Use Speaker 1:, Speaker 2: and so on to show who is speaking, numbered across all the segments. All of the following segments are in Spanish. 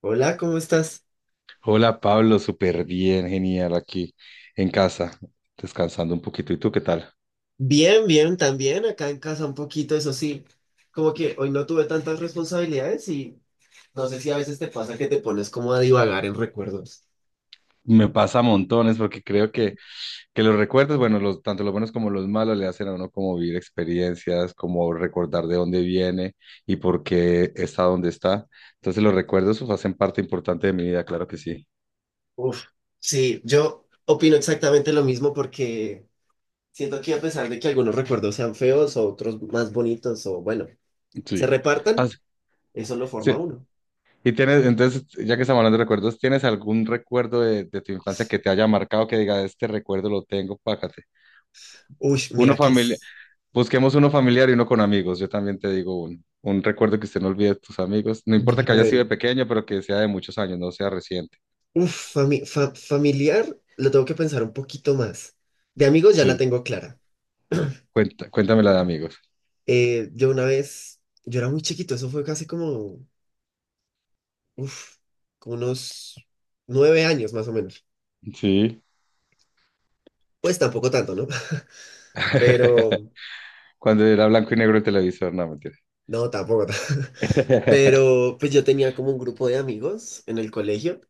Speaker 1: Hola, ¿cómo estás?
Speaker 2: Hola Pablo, súper bien, genial aquí en casa, descansando un poquito. ¿Y tú qué tal?
Speaker 1: Bien, bien, también acá en casa un poquito, eso sí, como que hoy no tuve tantas responsabilidades y no sé si a veces te pasa que te pones como a divagar en recuerdos.
Speaker 2: Me pasa montones porque creo que los recuerdos, bueno, tanto los buenos como los malos le hacen a uno como vivir experiencias, como recordar de dónde viene y por qué está donde está. Entonces los recuerdos pues, hacen parte importante de mi vida, claro que sí.
Speaker 1: Uf, sí, yo opino exactamente lo mismo porque siento que a pesar de que algunos recuerdos sean feos o otros más bonitos o bueno, se
Speaker 2: Sí. Ah,
Speaker 1: repartan, eso lo forma
Speaker 2: sí.
Speaker 1: uno.
Speaker 2: Y tienes, entonces, ya que estamos hablando de recuerdos, ¿tienes algún recuerdo de tu infancia que te haya marcado, que diga, este recuerdo lo tengo, págate?
Speaker 1: Uy,
Speaker 2: Uno
Speaker 1: mira que
Speaker 2: familiar.
Speaker 1: es
Speaker 2: Busquemos uno familiar y uno con amigos. Yo también te digo un recuerdo que usted no olvide de tus amigos. No importa que haya sido de
Speaker 1: bueno.
Speaker 2: pequeño, pero que sea de muchos años, no sea reciente.
Speaker 1: Uf, familiar, lo tengo que pensar un poquito más. De amigos ya la
Speaker 2: Sí.
Speaker 1: tengo clara.
Speaker 2: Cuenta, cuéntame la de amigos.
Speaker 1: Yo una vez, yo era muy chiquito, eso fue casi como, uf, como unos 9 años más o menos.
Speaker 2: Sí.
Speaker 1: Pues tampoco tanto, ¿no? Pero,
Speaker 2: Cuando era blanco y negro el televisor, no, mentira.
Speaker 1: no, tampoco tanto. Pero pues yo tenía como un grupo de amigos en el colegio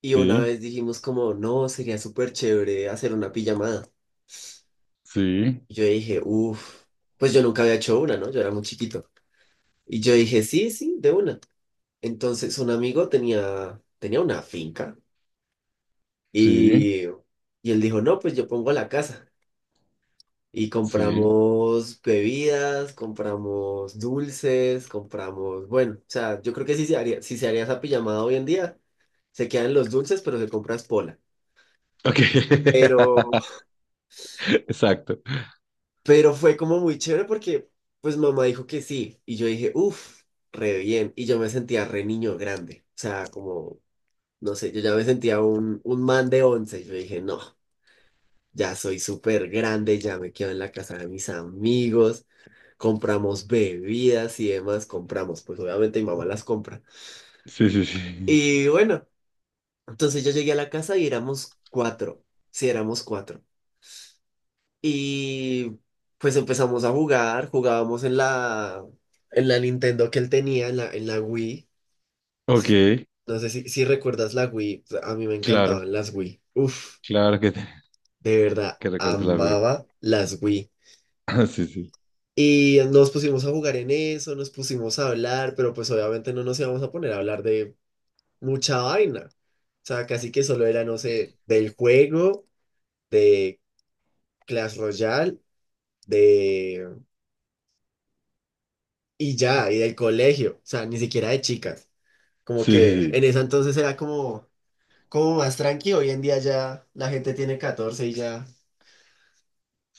Speaker 1: y una
Speaker 2: Sí.
Speaker 1: vez dijimos como, no, sería súper chévere hacer una pijamada.
Speaker 2: Sí.
Speaker 1: Y yo dije, uff, pues yo nunca había hecho una, ¿no? Yo era muy chiquito. Y yo dije, sí, sí, de una. Entonces un amigo tenía una finca.
Speaker 2: Sí.
Speaker 1: Y, y él dijo, no, pues yo pongo la casa. Y
Speaker 2: Sí.
Speaker 1: compramos bebidas, compramos dulces, compramos, bueno, o sea, yo creo que si se haría esa pijamada hoy en día, se quedan los dulces, pero se compra es pola.
Speaker 2: Ok.
Speaker 1: Pero,
Speaker 2: Exacto.
Speaker 1: pero fue como muy chévere porque pues mamá dijo que sí. Y yo dije, uff, re bien. Y yo me sentía re niño grande. O sea, como, no sé, yo ya me sentía un man de 11. Yo dije, no. Ya soy súper grande, ya me quedo en la casa de mis amigos, compramos bebidas y demás, compramos, pues obviamente mi mamá las compra.
Speaker 2: Sí, sí, sí.
Speaker 1: Y bueno, entonces yo llegué a la casa y éramos cuatro, sí, éramos cuatro. Y pues empezamos a jugar, jugábamos en la Nintendo que él tenía, en la Wii.
Speaker 2: Ok,
Speaker 1: No sé si, si recuerdas la Wii, a mí me
Speaker 2: claro,
Speaker 1: encantaban las Wii. Uf,
Speaker 2: claro
Speaker 1: de verdad,
Speaker 2: que recuerdo la vi.
Speaker 1: amaba las Wii.
Speaker 2: Sí, sí,
Speaker 1: Y nos pusimos a jugar en eso, nos pusimos a hablar, pero pues obviamente no nos íbamos a poner a hablar de mucha vaina. O sea, casi que solo era, no sé, del juego, de Clash Royale, de... y ya, y del colegio. O sea, ni siquiera de chicas. Como
Speaker 2: sí,
Speaker 1: que
Speaker 2: sí,
Speaker 1: en ese entonces era como, como más tranqui. Hoy en día ya la gente tiene 14 y ya,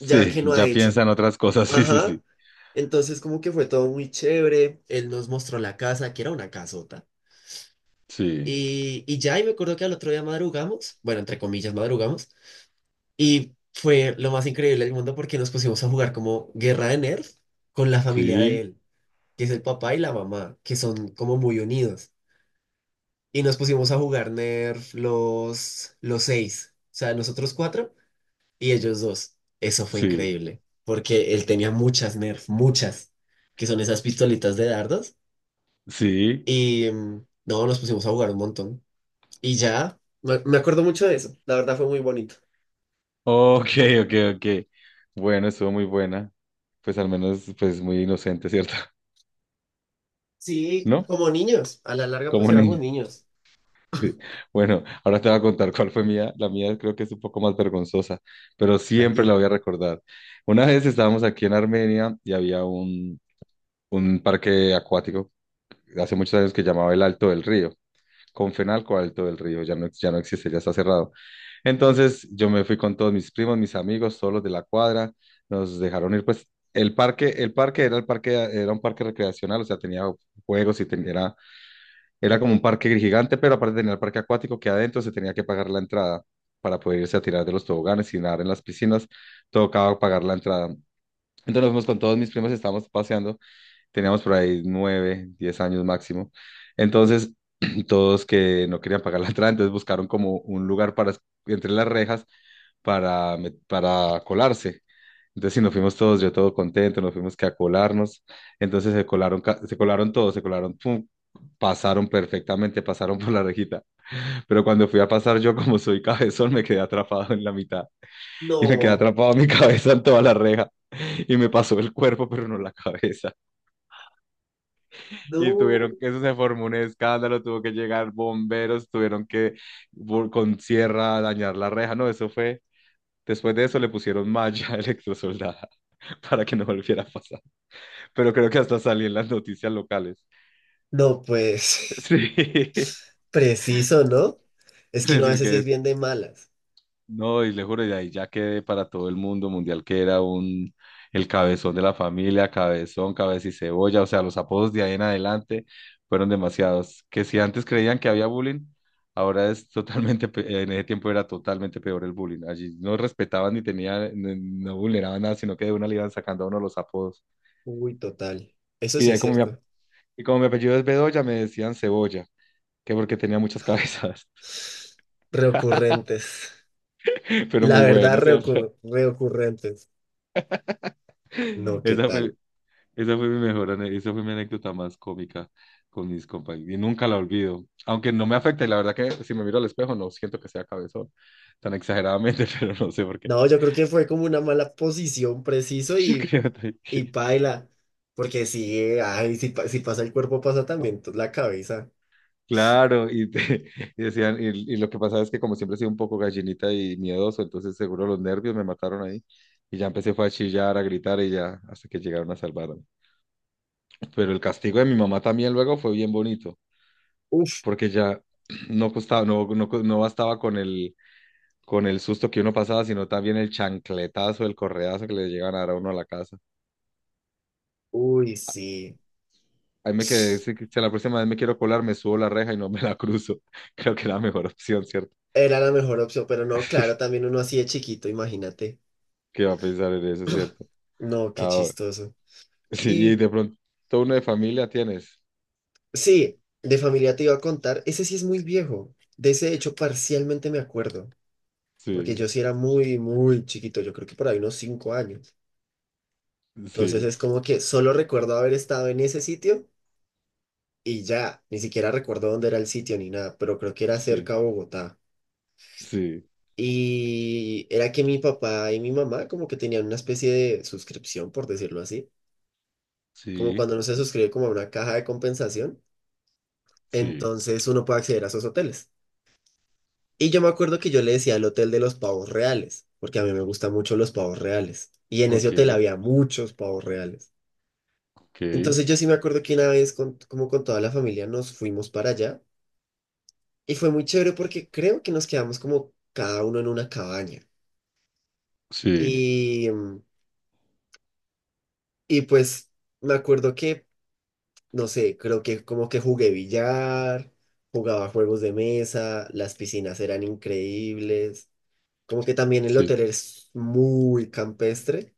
Speaker 1: ya que no ha
Speaker 2: ya
Speaker 1: hecho.
Speaker 2: piensa en otras cosas, sí, sí,
Speaker 1: Ajá.
Speaker 2: sí,
Speaker 1: Entonces como que fue todo muy chévere. Él nos mostró la casa, que era una casota.
Speaker 2: sí.
Speaker 1: Y ya, y me acuerdo que al otro día madrugamos, bueno, entre comillas, madrugamos, y fue lo más increíble del mundo porque nos pusimos a jugar como Guerra de Nerds con la familia de
Speaker 2: Sí,
Speaker 1: él, que es el papá y la mamá, que son como muy unidos. Y nos pusimos a jugar Nerf los seis, o sea, nosotros cuatro y ellos dos. Eso fue
Speaker 2: sí,
Speaker 1: increíble, porque él tenía muchas Nerf, muchas, que son esas pistolitas de dardos,
Speaker 2: sí.
Speaker 1: y no, nos pusimos a jugar un montón. Y ya, me acuerdo mucho de eso. La verdad fue muy bonito.
Speaker 2: Ok, ok, ok. Bueno, estuvo muy buena. Pues al menos, pues muy inocente, ¿cierto?
Speaker 1: Sí,
Speaker 2: ¿No?
Speaker 1: como niños. A la larga, pues
Speaker 2: Como
Speaker 1: éramos
Speaker 2: ni...
Speaker 1: niños.
Speaker 2: sí. Bueno, ahora te voy a contar cuál fue mía. La mía creo que es un poco más vergonzosa, pero siempre la
Speaker 1: Tranqui.
Speaker 2: voy a recordar. Una vez estábamos aquí en Armenia y había un parque acuático hace muchos años que llamaba el Alto del Río. Confenalco Alto del Río, ya no existe, ya está cerrado. Entonces yo me fui con todos mis primos, mis amigos, todos los de la cuadra, nos dejaron ir, pues el parque era un parque recreacional, o sea, tenía juegos y era como un parque gigante, pero aparte tenía el parque acuático que adentro se tenía que pagar la entrada para poder irse a tirar de los toboganes y nadar en las piscinas, tocaba pagar la entrada. Entonces nos fuimos con todos mis primos, estábamos paseando, teníamos por ahí 9, 10 años máximo. Entonces todos que no querían pagar la entrada, entonces buscaron como un lugar para, entre las rejas para colarse. Entonces, sí, nos fuimos todos, yo todo contento, nos fuimos que a colarnos. Entonces se colaron, se colaron todos, se colaron, pum, pasaron perfectamente, pasaron por la rejita. Pero cuando fui a pasar yo, como soy cabezón, me quedé atrapado en la mitad. Y me quedé
Speaker 1: No,
Speaker 2: atrapado mi cabeza en toda la reja. Y me pasó el cuerpo, pero no la cabeza. Y
Speaker 1: no.
Speaker 2: tuvieron que, eso se formó un escándalo, tuvo que llegar bomberos, tuvieron que con sierra dañar la reja. No, eso fue. Después de eso le pusieron malla electrosoldada para que no volviera a pasar. Pero creo que hasta salí en las noticias locales.
Speaker 1: No, pues,
Speaker 2: Sí.
Speaker 1: preciso, ¿no? Es
Speaker 2: Es
Speaker 1: que uno a
Speaker 2: decir
Speaker 1: veces sí es
Speaker 2: que
Speaker 1: bien de malas.
Speaker 2: no, y le juro, y de ahí ya quedé para todo el mundo mundial que era un el cabezón de la familia, cabezón, cabeza y cebolla, o sea, los apodos de ahí en adelante fueron demasiados. Que si antes creían que había bullying, ahora es totalmente, pe- en ese tiempo era totalmente peor el bullying. Allí no respetaban ni tenían, no, no, vulneraban nada, sino que de una le iban sacando a uno los apodos.
Speaker 1: Uy, total. Eso
Speaker 2: Y
Speaker 1: sí
Speaker 2: de ahí
Speaker 1: es
Speaker 2: como me.
Speaker 1: cierto.
Speaker 2: Y como mi apellido es Bedoya, me decían Cebolla, que porque tenía muchas cabezas.
Speaker 1: Reocurrentes.
Speaker 2: Pero
Speaker 1: La
Speaker 2: muy
Speaker 1: verdad,
Speaker 2: bueno, ¿cierto?
Speaker 1: reocurrentes. No, ¿qué
Speaker 2: Esa fue,
Speaker 1: tal?
Speaker 2: esa fue esa fue mi anécdota más cómica con mis compañeros. Y nunca la olvido. Aunque no me afecta, y la verdad que si me miro al espejo, no siento que sea cabezón tan exageradamente, pero no sé por qué.
Speaker 1: No, yo creo que fue como una mala posición, preciso,
Speaker 2: Yo creo
Speaker 1: y
Speaker 2: que-
Speaker 1: paila, porque si, ay, si, si pasa el cuerpo, pasa también la cabeza.
Speaker 2: Claro, y decían, y lo que pasaba es que como siempre he sido un poco gallinita y miedoso, entonces seguro los nervios me mataron ahí. Y ya empecé fue a chillar, a gritar y ya, hasta que llegaron a salvar. Pero el castigo de mi mamá también luego fue bien bonito,
Speaker 1: Uf,
Speaker 2: porque ya no costaba, no, no, no bastaba con el susto que uno pasaba, sino también el chancletazo, el correazo que le llegan a dar a uno a la casa.
Speaker 1: uy, sí.
Speaker 2: Ahí me quedé, si la próxima vez me quiero colar, me subo la reja y no me la cruzo. Creo que es la mejor opción, ¿cierto?
Speaker 1: Era la mejor opción, pero no, claro, también uno así de chiquito, imagínate.
Speaker 2: ¿Qué va a pensar en eso, ¿cierto?
Speaker 1: No, qué
Speaker 2: Ah,
Speaker 1: chistoso.
Speaker 2: sí,
Speaker 1: Y
Speaker 2: y de pronto, uno de familia tienes.
Speaker 1: sí, de familia te iba a contar, ese sí es muy viejo. De ese hecho, parcialmente me acuerdo, porque
Speaker 2: Sí,
Speaker 1: yo sí era muy, muy chiquito, yo creo que por ahí unos 5 años. Entonces es
Speaker 2: sí,
Speaker 1: como que solo recuerdo haber estado en ese sitio y ya, ni siquiera recuerdo dónde era el sitio ni nada, pero creo que era
Speaker 2: sí,
Speaker 1: cerca a Bogotá.
Speaker 2: sí,
Speaker 1: Y era que mi papá y mi mamá como que tenían una especie de suscripción, por decirlo así, como
Speaker 2: sí,
Speaker 1: cuando uno se suscribe como a una caja de compensación,
Speaker 2: sí.
Speaker 1: entonces uno puede acceder a esos hoteles. Y yo me acuerdo que yo le decía el Hotel de los Pavos Reales, porque a mí me gustan mucho los pavos reales. Y en ese
Speaker 2: Ok,
Speaker 1: hotel había muchos pavos reales.
Speaker 2: ok,
Speaker 1: Entonces yo sí me acuerdo que una vez como con toda la familia nos fuimos para allá y fue muy chévere porque creo que nos quedamos como cada uno en una cabaña.
Speaker 2: sí,
Speaker 1: Y, y pues me acuerdo que no sé, creo que como que jugué billar, jugaba juegos de mesa, las piscinas eran increíbles, como que también el
Speaker 2: sí.
Speaker 1: hotel es muy campestre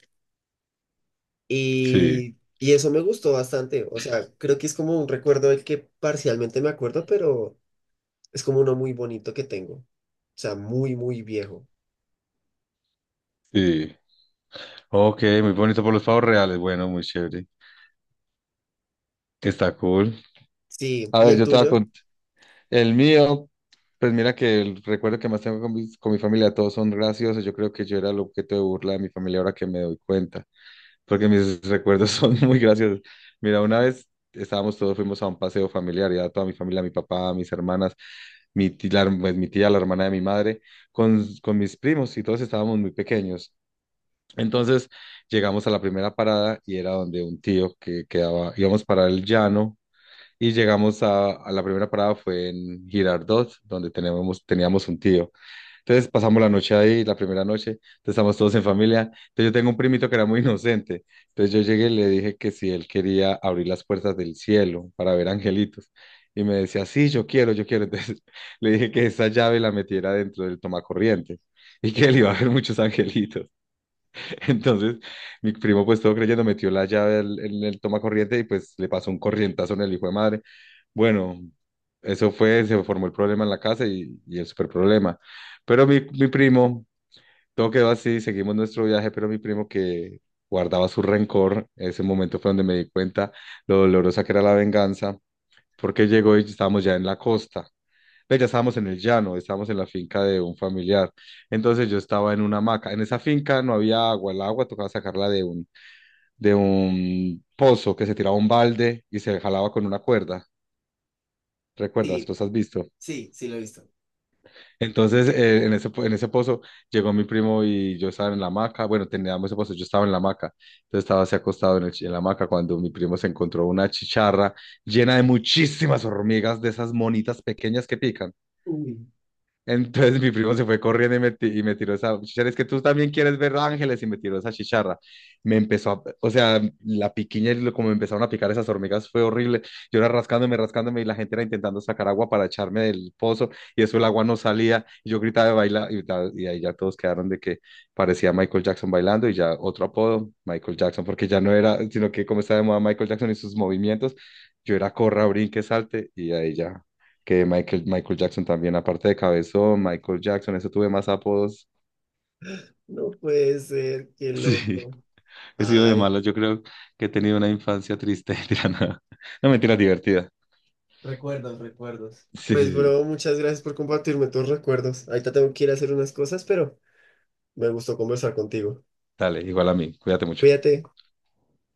Speaker 2: Sí,
Speaker 1: y eso me gustó bastante, o sea, creo que es como un recuerdo del que parcialmente me acuerdo, pero es como uno muy bonito que tengo, o sea, muy, muy viejo.
Speaker 2: sí. Ok, muy bonito por los pavos reales. Bueno, muy chévere. Está cool.
Speaker 1: Sí,
Speaker 2: A
Speaker 1: ¿y
Speaker 2: ver,
Speaker 1: el
Speaker 2: yo te voy a
Speaker 1: tuyo?
Speaker 2: cont- El mío, pues mira que el recuerdo que más tengo con mi familia, todos son graciosos. Yo creo que yo era el objeto de burla de mi familia ahora que me doy cuenta, porque mis recuerdos son muy graciosos. Mira, una vez estábamos todos, fuimos a un paseo familiar, ya toda mi familia, mi papá, mis hermanas, mi tía, la, pues, mi tía, la hermana de mi madre, con mis primos y todos estábamos muy pequeños. Entonces llegamos a la primera parada y era donde un tío que quedaba, íbamos para el llano y llegamos a la primera parada fue en Girardot, donde tenemos, teníamos un tío. Entonces pasamos la noche ahí, la primera noche, entonces estamos todos en familia. Entonces yo tengo un primito que era muy inocente. Entonces yo llegué y le dije que si él quería abrir las puertas del cielo para ver angelitos. Y me decía, sí, yo quiero, yo quiero. Entonces le dije que esa llave la metiera dentro del tomacorriente y que él
Speaker 1: Ujú.
Speaker 2: iba a ver muchos angelitos. Entonces, pues todo creyendo, metió la llave en el toma corriente y pues le pasó un corrientazo en el hijo de madre. Bueno, eso fue, se formó el problema en la casa y el super problema. Pero mi primo, todo quedó así, seguimos nuestro viaje, pero mi primo que guardaba su rencor, ese momento fue donde me di cuenta lo dolorosa que era la venganza, porque llegó y estábamos ya en la costa pero ya estábamos en el llano, estábamos en la finca de un familiar. Entonces yo estaba en una hamaca. En esa finca no había agua, el agua tocaba sacarla de un pozo que se tiraba un balde y se jalaba con una cuerda. ¿Recuerdas?
Speaker 1: Sí,
Speaker 2: ¿Los has visto?
Speaker 1: sí, sí lo he visto.
Speaker 2: Entonces, en ese pozo llegó mi primo y yo estaba en la hamaca. Bueno, teníamos ese pozo, yo estaba en la hamaca. Entonces estaba así acostado en la hamaca cuando mi primo se encontró una chicharra llena de muchísimas hormigas, de esas monitas pequeñas que pican.
Speaker 1: Uy,
Speaker 2: Entonces mi primo se fue corriendo y y me tiró esa chicharra. Es que tú también quieres ver ángeles y me tiró esa chicharra. Me empezó a, o sea, la piquiña y lo- como me empezaron a picar esas hormigas fue horrible. Yo era rascándome, rascándome y la gente era intentando sacar agua para echarme del pozo y eso el agua no salía. Y yo gritaba de bailar y ahí ya todos quedaron de que parecía Michael Jackson bailando y ya otro apodo, Michael Jackson, porque ya no era, sino que como estaba de moda Michael Jackson y sus movimientos, yo era corra, brinque, salte y ahí ya que Michael Jackson también, aparte de cabezón, Michael Jackson, eso tuve más apodos.
Speaker 1: no puede ser, qué
Speaker 2: Sí,
Speaker 1: loco.
Speaker 2: he sido de
Speaker 1: Ay.
Speaker 2: malas, yo creo que he tenido una infancia triste, mentira, no mentira, divertida.
Speaker 1: Recuerdos, recuerdos.
Speaker 2: Sí, sí,
Speaker 1: Pues,
Speaker 2: sí,
Speaker 1: bro, muchas gracias por compartirme tus recuerdos. Ahorita tengo que ir a hacer unas cosas, pero me gustó conversar contigo.
Speaker 2: dale, igual a mí, cuídate mucho.
Speaker 1: Cuídate.